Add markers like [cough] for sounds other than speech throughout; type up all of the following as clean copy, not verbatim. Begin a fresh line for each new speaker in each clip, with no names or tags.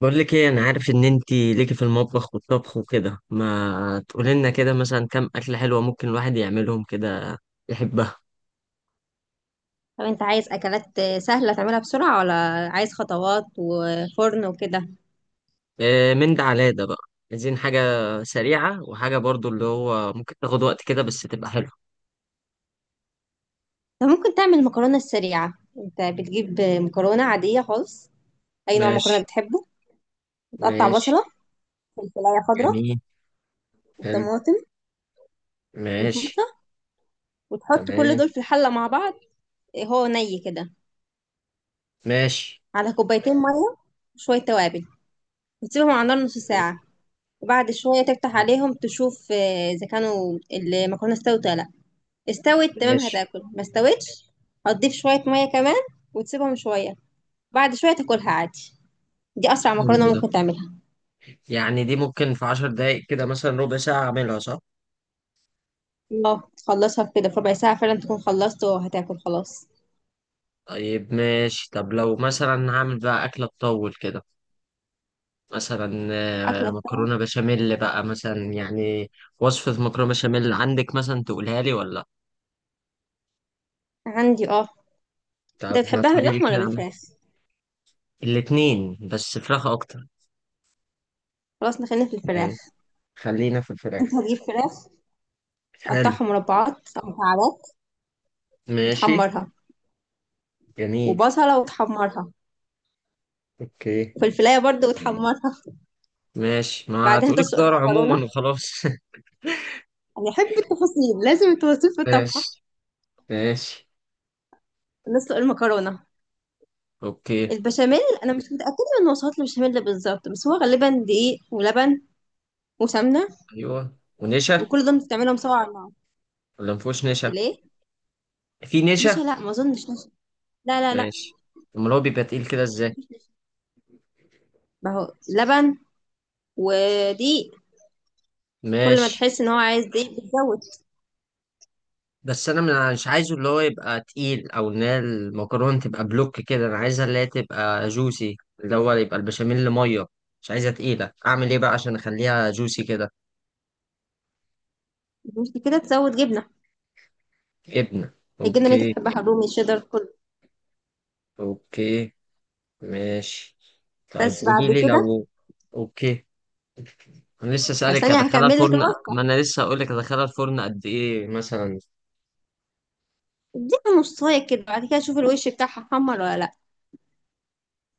بقول لك ايه، انا عارف ان انت ليكي في المطبخ والطبخ وكده. ما تقولي لنا كده مثلا كام اكله حلوه ممكن الواحد يعملهم كده يحبها؟
طب انت عايز اكلات سهله تعملها بسرعه ولا عايز خطوات وفرن وكده؟
إيه من ده على ده بقى. عايزين حاجه سريعه، وحاجه برضو اللي هو ممكن تاخد وقت كده بس تبقى حلوه.
انت ممكن تعمل مكرونه سريعه. انت بتجيب مكرونه عاديه خالص، اي نوع مكرونه
ماشي.
بتحبه، وتقطع
ماشي.
بصله، فلفلايه خضراء،
جميل. حلو.
وطماطم، وشطه،
ماشي.
وتحط كل
تمام.
دول في الحله مع بعض. هو ني كده.
ماشي.
على كوبايتين ميه وشويه توابل، وتسيبهم على النار نص
ماشي.
ساعه. وبعد شويه تفتح
حلو.
عليهم تشوف اذا كانوا المكرونه استوت ولا لا. استوت تمام
ماشي.
هتاكل، ما استوتش هتضيف شوية مية كمان وتسيبهم شوية، بعد شوية تاكلها عادي. دي أسرع
حلو
مكرونة
ده.
ممكن تعملها.
يعني دي ممكن في 10 دقايق كده، مثلا ربع ساعه اعملها، صح؟
اه، تخلصها في كده في ربع ساعة فعلا، تكون خلصت وهتاكل خلاص.
طيب ماشي. طب لو مثلا هعمل بقى اكله تطول كده، مثلا
أكلة بتاعة.
مكرونة بشاميل بقى مثلا يعني. وصفة مكرونة بشاميل عندك مثلا، تقولها لي ولا لأ؟
عندي اه. انت
طب ما
بتحبها
تقولي لي
باللحمة ولا
كده عن-
بالفراخ؟
الاتنين، بس فراخ أكتر.
خلاص نخلينا في الفراخ.
يعني خلينا في الفراخ.
انت هتجيب فراخ
حلو.
تقطعها مربعات أو مكعبات
ماشي.
وتحمرها،
جميل.
وبصلة وتحمرها،
أوكي.
وفي الفلاية برضه وتحمرها.
ماشي ما
بعدين
تقولي
تسلق
خضار عموما
المكرونة.
وخلاص. [laughs]
أنا أحب التفاصيل، لازم التفاصيل في الطبخة.
ماشي. ماشي.
نسلق المكرونة.
أوكي.
البشاميل انا مش متاكده من وصفات البشاميل بالظبط، بس هو غالبا دقيق ولبن وسمنه،
أيوه، ونشا.
وكل دول بتعملهم سوا على بعض.
ولا مفهوش نشا؟
ليه؟
في
نشا
نشا.
لا، ما اظنش نشا. لا لا لا،
ماشي. أمال هو بيبقى تقيل كده إزاي؟
مفيش نشا. ما هو لبن ودقيق. كل ما
ماشي.
تحس ان هو عايز دقيق بتزود.
بس انا مش عايزه اللي هو يبقى تقيل، او ان هي المكرونه تبقى بلوك كده، انا عايزها اللي هي تبقى جوسي، اللي هو يبقى البشاميل ميه. مش عايزها تقيله، اعمل ايه بقى عشان اخليها جوسي كده؟
مش كده، تزود جبنه.
ابنه.
الجبنه اللي انت
اوكي.
بتحبها، الرومي، الشيدر، كله.
اوكي. ماشي. طيب
بس بعد
قولي لي
كده.
لو... اوكي. انا لسه
بس
سالك
ثانيه
هدخلها
هكمل لك
الفرن.
الوصفه.
ما انا لسه هقول لك هدخلها الفرن قد ايه مثلا.
اديها نصايه كده، بعد كده شوف الوش بتاعها حمر ولا لا.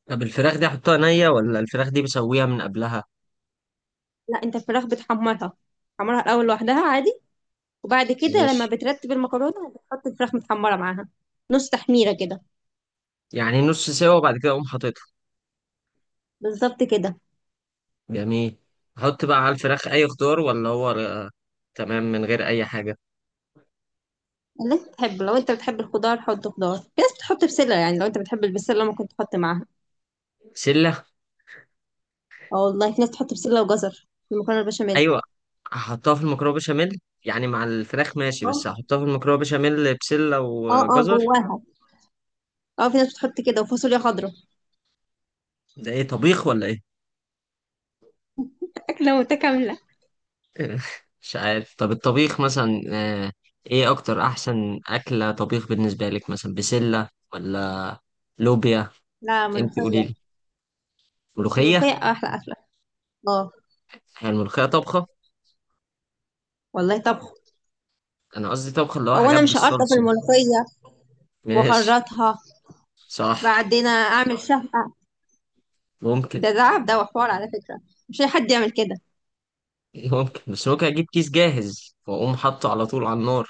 طب الفراخ دي احطها نيه، ولا الفراخ دي بسويها من قبلها؟
لا، انت الفراخ بتحمرها. حمرها الاول لوحدها عادي، وبعد كده لما
ماشي.
بترتب المكرونة بتحط الفراخ متحمرة معاها. نص تحميرة كده.
يعني نص سوا وبعد كده اقوم حاططها.
بالظبط كده.
جميل. احط بقى على الفراخ اي خضار ولا هو تمام من غير اي حاجه؟
اللي انت تحبه، لو انت بتحب الخضار حط خضار. في ناس بتحط بسلة، يعني لو انت بتحب البسلة ممكن تحط معاها.
بسله؟
اه والله، في ناس بتحط بسلة وجزر في المكرونة البشاميل.
ايوه. احطها في المكرونه بشاميل يعني مع الفراخ، ماشي. بس
اه.
احطها في المكرونه بشاميل بسله
اه اه،
وجزر.
جواها. اه، في ناس بتحط كده وفاصوليا خضراء.
ده ايه، طبيخ ولا ايه؟
[laughs] أكلة متكاملة.
[laughs] مش عارف. طب الطبيخ مثلا ايه اكتر احسن اكله طبيخ بالنسبه لك، مثلا بسله ولا لوبيا؟
لا،
انت قولي
ملوخية.
لي. ملوخيه؟
الملوخية أحلى أكلة. اه
هي الملوخيه طبخه؟
والله طبخ.
انا قصدي طبخه اللي هو
هو
حاجات
أنا مش هقرطف
بالصلصه.
الملوخية
ماشي.
وأخرطها،
صح.
بعدين أعمل شهقة.
ممكن.
ده تعب ده وحوار على فكرة، مش أي حد يعمل كده.
ممكن، بس ممكن اجيب كيس جاهز واقوم حاطه على طول على النار.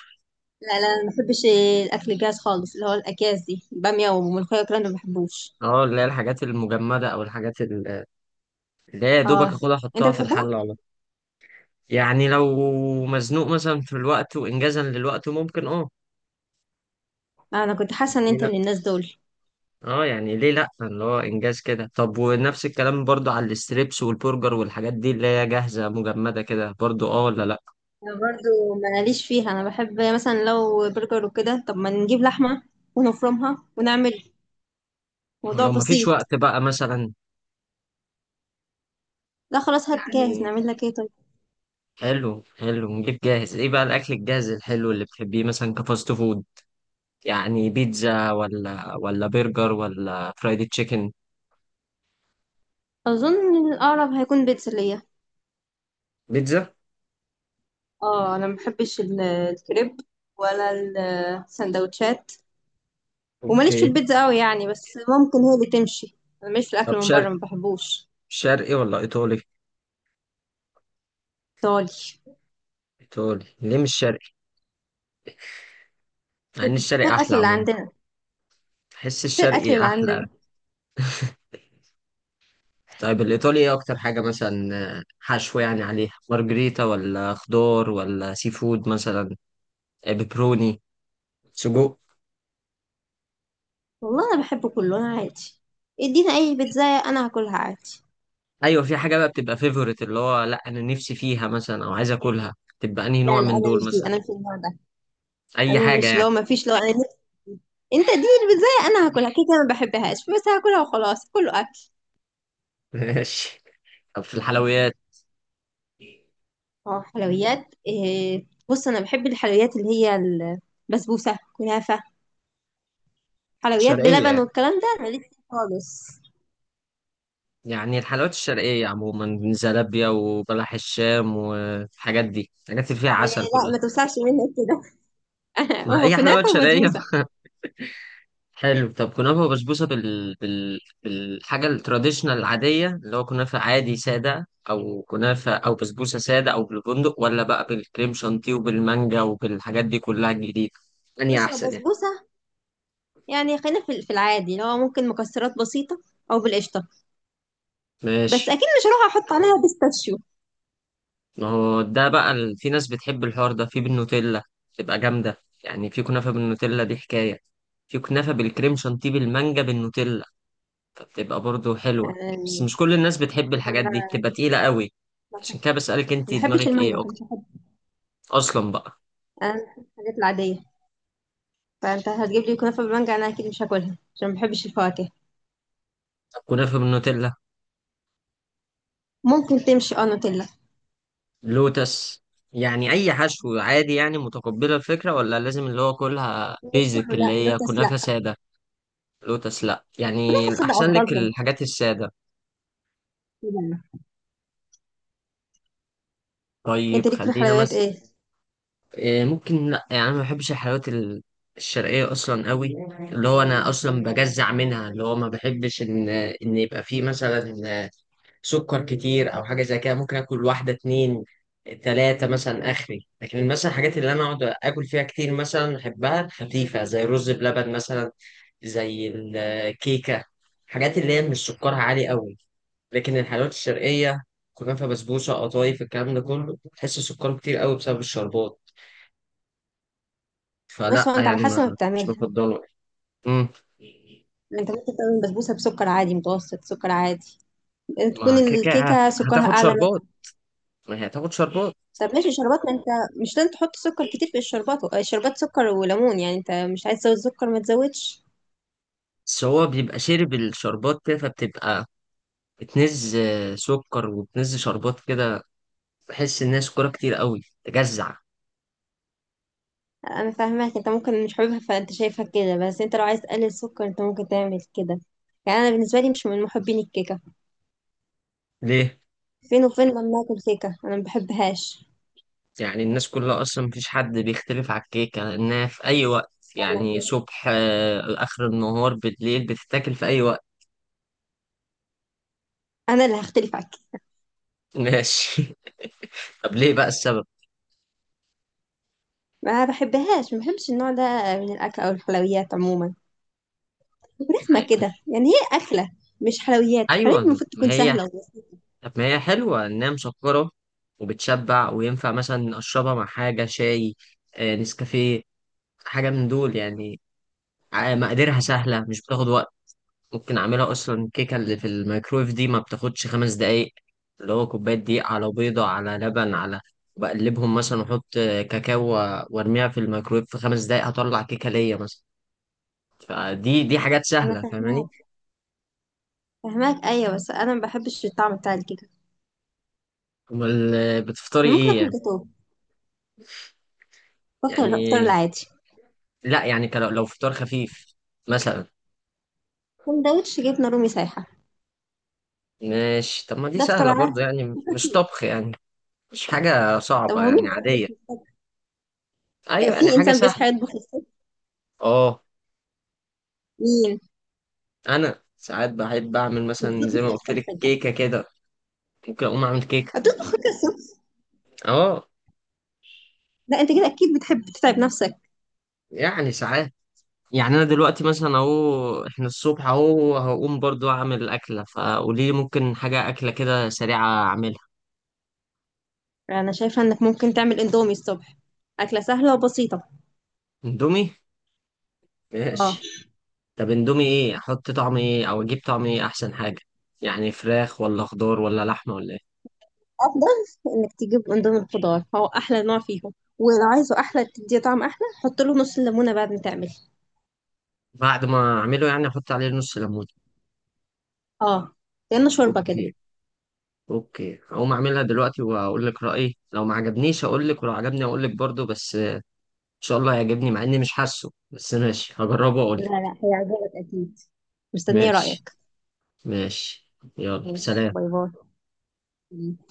لا لا، انا ما بحبش الاكل الجاهز خالص. اللي هو الاكياس دي، باميه وملوخيه والكلام ده، ما بحبوش.
اه، اللي هي الحاجات المجمده، او الحاجات اللي هي يا دوبك
اه،
اخدها
انت
احطها في
بتحبها.
الحله على طول. يعني لو مزنوق مثلا في الوقت وانجازا للوقت، ممكن اه.
انا كنت حاسه ان
ليه
انت
لا.
من الناس دول.
اه يعني، ليه لا، اللي هو انجاز كده. طب ونفس الكلام برضو على الستريبس والبرجر والحاجات دي اللي هي جاهزه مجمده كده برضو، اه ولا لا؟
انا برضو ماليش فيها. انا بحب مثلا لو برجر وكده طب ما نجيب لحمه ونفرمها ونعمل موضوع
ولو مفيش
بسيط.
وقت بقى مثلا
لا خلاص، هات جاهز
يعني.
نعمل لك ايه طيب.
حلو، حلو. نجيب جاهز ايه بقى؟ الاكل الجاهز الحلو اللي بتحبيه مثلا، كفاست فود يعني؟ بيتزا ولا برجر ولا فرايدي تشيكن؟
اظن الاقرب هيكون بيتزا ليا.
بيتزا.
اه، انا ما بحبش الكريب ولا السندوتشات. وماليش في
اوكي.
البيتزا قوي يعني، بس ممكن هي اللي تمشي. انا ماليش في
طب
الاكل من
شرقي؟
بره، ما بحبوش.
شرقي ولا ايطالي؟
ايطالي.
ايطالي، ليه مش شرقي؟ مع ان الشرقي
فوق
احلى
الأكل اللي
عموما.
عندنا،
بحس
غير الأكل
الشرقي
اللي
احلى.
عندنا.
طيب الايطالي ايه اكتر حاجه مثلا؟ حشو يعني عليها، مارجريتا ولا خضار ولا سي فود مثلا؟ بيبروني، سجق؟
والله أنا بحبه كله، أنا عادي. ادينا أي بيتزاية أنا هاكلها عادي.
ايوه، في حاجه بقى بتبقى فيفورت، اللي هو لا انا نفسي فيها مثلا او عايز اكلها، تبقى انهي
لا
نوع
لا،
من
أنا
دول
مش دي،
مثلا؟
أنا مش النوع ده.
اي
أنا
حاجه
مش،
يعني.
لو ما فيش، أنت دي البيتزاية أنا هاكلها كده كده، ما بحبهاش بس هاكلها وخلاص، كله أكل.
[laughs] ماشي. طب في الحلويات؟
اه، حلويات إيه؟ بص أنا بحب الحلويات اللي هي البسبوسة، كنافة، حلويات
شرقيه
بلبن
يعني؟
والكلام ده، أنا لسه خالص.
يعني الحلويات الشرقية عموما، زلابيا وبلح الشام والحاجات دي، الحاجات اللي فيها
إيه
عسل
لا،
كلها.
ما توسعش منك كده. [laughs]
ما
هو
هي حلويات
كنافة
شرقية.
وبسبوسة.
[laughs] حلو. طب كنافة وبسبوسة بالحاجة التراديشنال العادية، اللي هو كنافة عادي سادة، أو كنافة أو بسبوسة سادة، أو بالبندق، ولا بقى بالكريم شانتيه وبالمانجا وبالحاجات دي كلها الجديدة؟ أني
بص، هو
أحسن يعني؟
بسبوسة يعني، خلينا في العادي، اللي هو ممكن مكسرات بسيطة أو بالقشطة. بس
ماشي.
أكيد مش هروح أحط عليها بيستاشيو.
ما هو ده بقى في ناس بتحب الحوار ده في بالنوتيلا، تبقى جامدة. يعني في كنافة بالنوتيلا، دي حكاية. في كنافة بالكريم شانتيه بالمانجا بالنوتيلا، فبتبقى برضو حلوة. بس
يعني
مش كل الناس بتحب الحاجات
أنا
دي، بتبقى تقيلة قوي. عشان كده بسألك
ما
انت
بحبش
دماغك
المانجا،
ايه
فمش
اكتر
بحب.
اصلا بقى؟
أنا بحب الحاجات العادية. فأنت هتجيب لي كنافة بالمانجا أنا أكيد مش هاكلها، عشان ما بحبش الفواكه.
طب كنافة بالنوتيلا؟
ممكن تمشي، أه نوتيلا.
لوتس؟ يعني اي حشو عادي يعني متقبلة الفكرة، ولا لازم اللي هو كلها
مش
بيزك،
كله،
اللي
لا
هي
لوتس
كنافة
لا.
سادة؟ لوتس لا، يعني
كنافة صدق
الاحسن لك
أفضلهم.
الحاجات السادة؟
طبعاً. أنت
طيب
ليك في
خلينا
الحلويات
مثلا.
إيه؟
إيه، ممكن لا، يعني انا ما بحبش الحلويات الشرقيه اصلا قوي. اللي هو انا اصلا بجزع منها، اللي هو ما بحبش ان يبقى فيه مثلا سكر كتير او حاجه زي كده. ممكن اكل واحده، اتنين، تلاته مثلا اخري، لكن مثلا الحاجات اللي انا اقعد اكل فيها كتير مثلا احبها خفيفه، زي الرز بلبن مثلا، زي الكيكه، حاجات اللي هي مش سكرها عالي قوي. لكن الحلويات الشرقيه، كنافه بسبوسه قطايف الكلام ده كله، تحس سكره كتير قوي بسبب الشربات.
بص،
فلا
هو انت على
يعني، ما،
حسب ما
مش
بتعملها.
بفضله. امم
انت ممكن تعمل بسبوسه بسكر عادي متوسط، سكر عادي. تكون
ما كده كده
الكيكه سكرها
هتاخد
اعلى.
شربات. ما هي هتاخد شربات.
طب ماشي شربات، ما انت مش لازم تحط سكر كتير في الشربات. الشربات سكر وليمون، يعني انت مش عايز تزود سكر ما تزودش.
بس هو بيبقى شارب الشربات كده، فبتبقى بتنز سكر، وبتنز شربات كده. بحس انها سكرها كتير قوي، تجزع.
انا فاهماك. انت ممكن مش حاببها فانت شايفها كده، بس انت لو عايز تقلل السكر انت ممكن تعمل كده. يعني انا بالنسبه لي مش من محبين الكيكه.
ليه؟
فين وفين لما اكل كيكه، انا ما بحبهاش.
يعني الناس كلها اصلا مفيش حد بيختلف على الكيكة انها في اي وقت،
انا
يعني
كده.
صبح اخر النهار بالليل، بتتاكل في اي وقت.
أنا اللي هختلف عنك.
[laughs] ماشي. طب ليه بقى السبب؟
ما بحبهاش، ما بحبش النوع ده من الاكل او الحلويات عموما. رخمه
أي-
كده، يعني هي اكله مش حلويات. الحلويات
ايوه،
المفروض
ما
تكون
هي.
سهله وبس.
طب ما هي حلوة إنها مسكرة وبتشبع، وينفع مثلا أشربها مع حاجة شاي نسكافيه، حاجة من دول يعني. مقاديرها سهلة، مش بتاخد وقت. ممكن أعملها أصلا الكيكة اللي في الميكرويف دي ما بتاخدش 5 دقايق. اللي هو كوباية دقيق على بيضة على لبن، على بقلبهم مثلا وأحط كاكاو وأرميها في الميكرويف، في 5 دقايق هطلع كيكة ليا مثلا. دي حاجات
انا
سهلة، فاهماني؟
فاهماك، فاهماك ايوه، بس انا ما بحبش الطعم بتاع الكيكه.
أمال بتفطري
ممكن
إيه
اكل
يعني؟
جاتوه، وافطر افطر
يعني
العادي.
لا، يعني لو فطار خفيف مثلا.
سندوتش جبنه رومي سايحه.
ماشي. طب ما دي
ده افطر
سهلة برضو،
عادي
يعني مش
وخفيف.
طبخ يعني. مش حاجة
طب
صعبة،
هو مين
يعني
بيطبخ
عادية.
الصبح؟
أيوة، يعني
في
حاجة
انسان
سهلة.
بيصحى يطبخ الصبح؟
أه.
مين؟
أنا ساعات بحب أعمل مثلا
بتطبخ
زي ما
ايه
قلت لك
الصبح ده؟
كيكة كده. ممكن أقوم أعمل كيكة.
هتطبخ حاجه الصبح؟
أه.
لا انت كده اكيد بتحب تتعب نفسك.
يعني ساعات يعني. أنا دلوقتي مثلا أهو، إحنا الصبح أهو هقوم برضو أعمل أكلة، فقولي لي ممكن حاجة أكلة كده سريعة أعملها.
انا شايفه انك ممكن تعمل اندومي الصبح. اكله سهله وبسيطه.
إندومي.
اه.
ماشي. طب إندومي إيه، أحط طعم إيه أو أجيب طعم إيه أحسن حاجة؟ يعني فراخ ولا خضار ولا لحمة ولا إيه؟
افضل انك تجيب اندومي الخضار، هو احلى نوع فيهم. ولو عايزه احلى تديه طعم احلى، حط له نص الليمونه بعد ما تعمل.
بعد ما اعمله يعني احط عليه نص ليمون؟
اه، كانه شوربه كده.
اوكي. اوكي، هقوم اعملها دلوقتي واقول لك رايي. لو ما عجبنيش اقول لك، ولو عجبني اقول لك برضه. بس ان شاء الله هيعجبني، مع اني مش حاسه، بس ماشي هجربه واقول
لا
لك.
لا، هيعجبك اكيد. مستنيه
ماشي.
رايك.
ماشي. يلا،
ماشي،
سلام.
باي باي.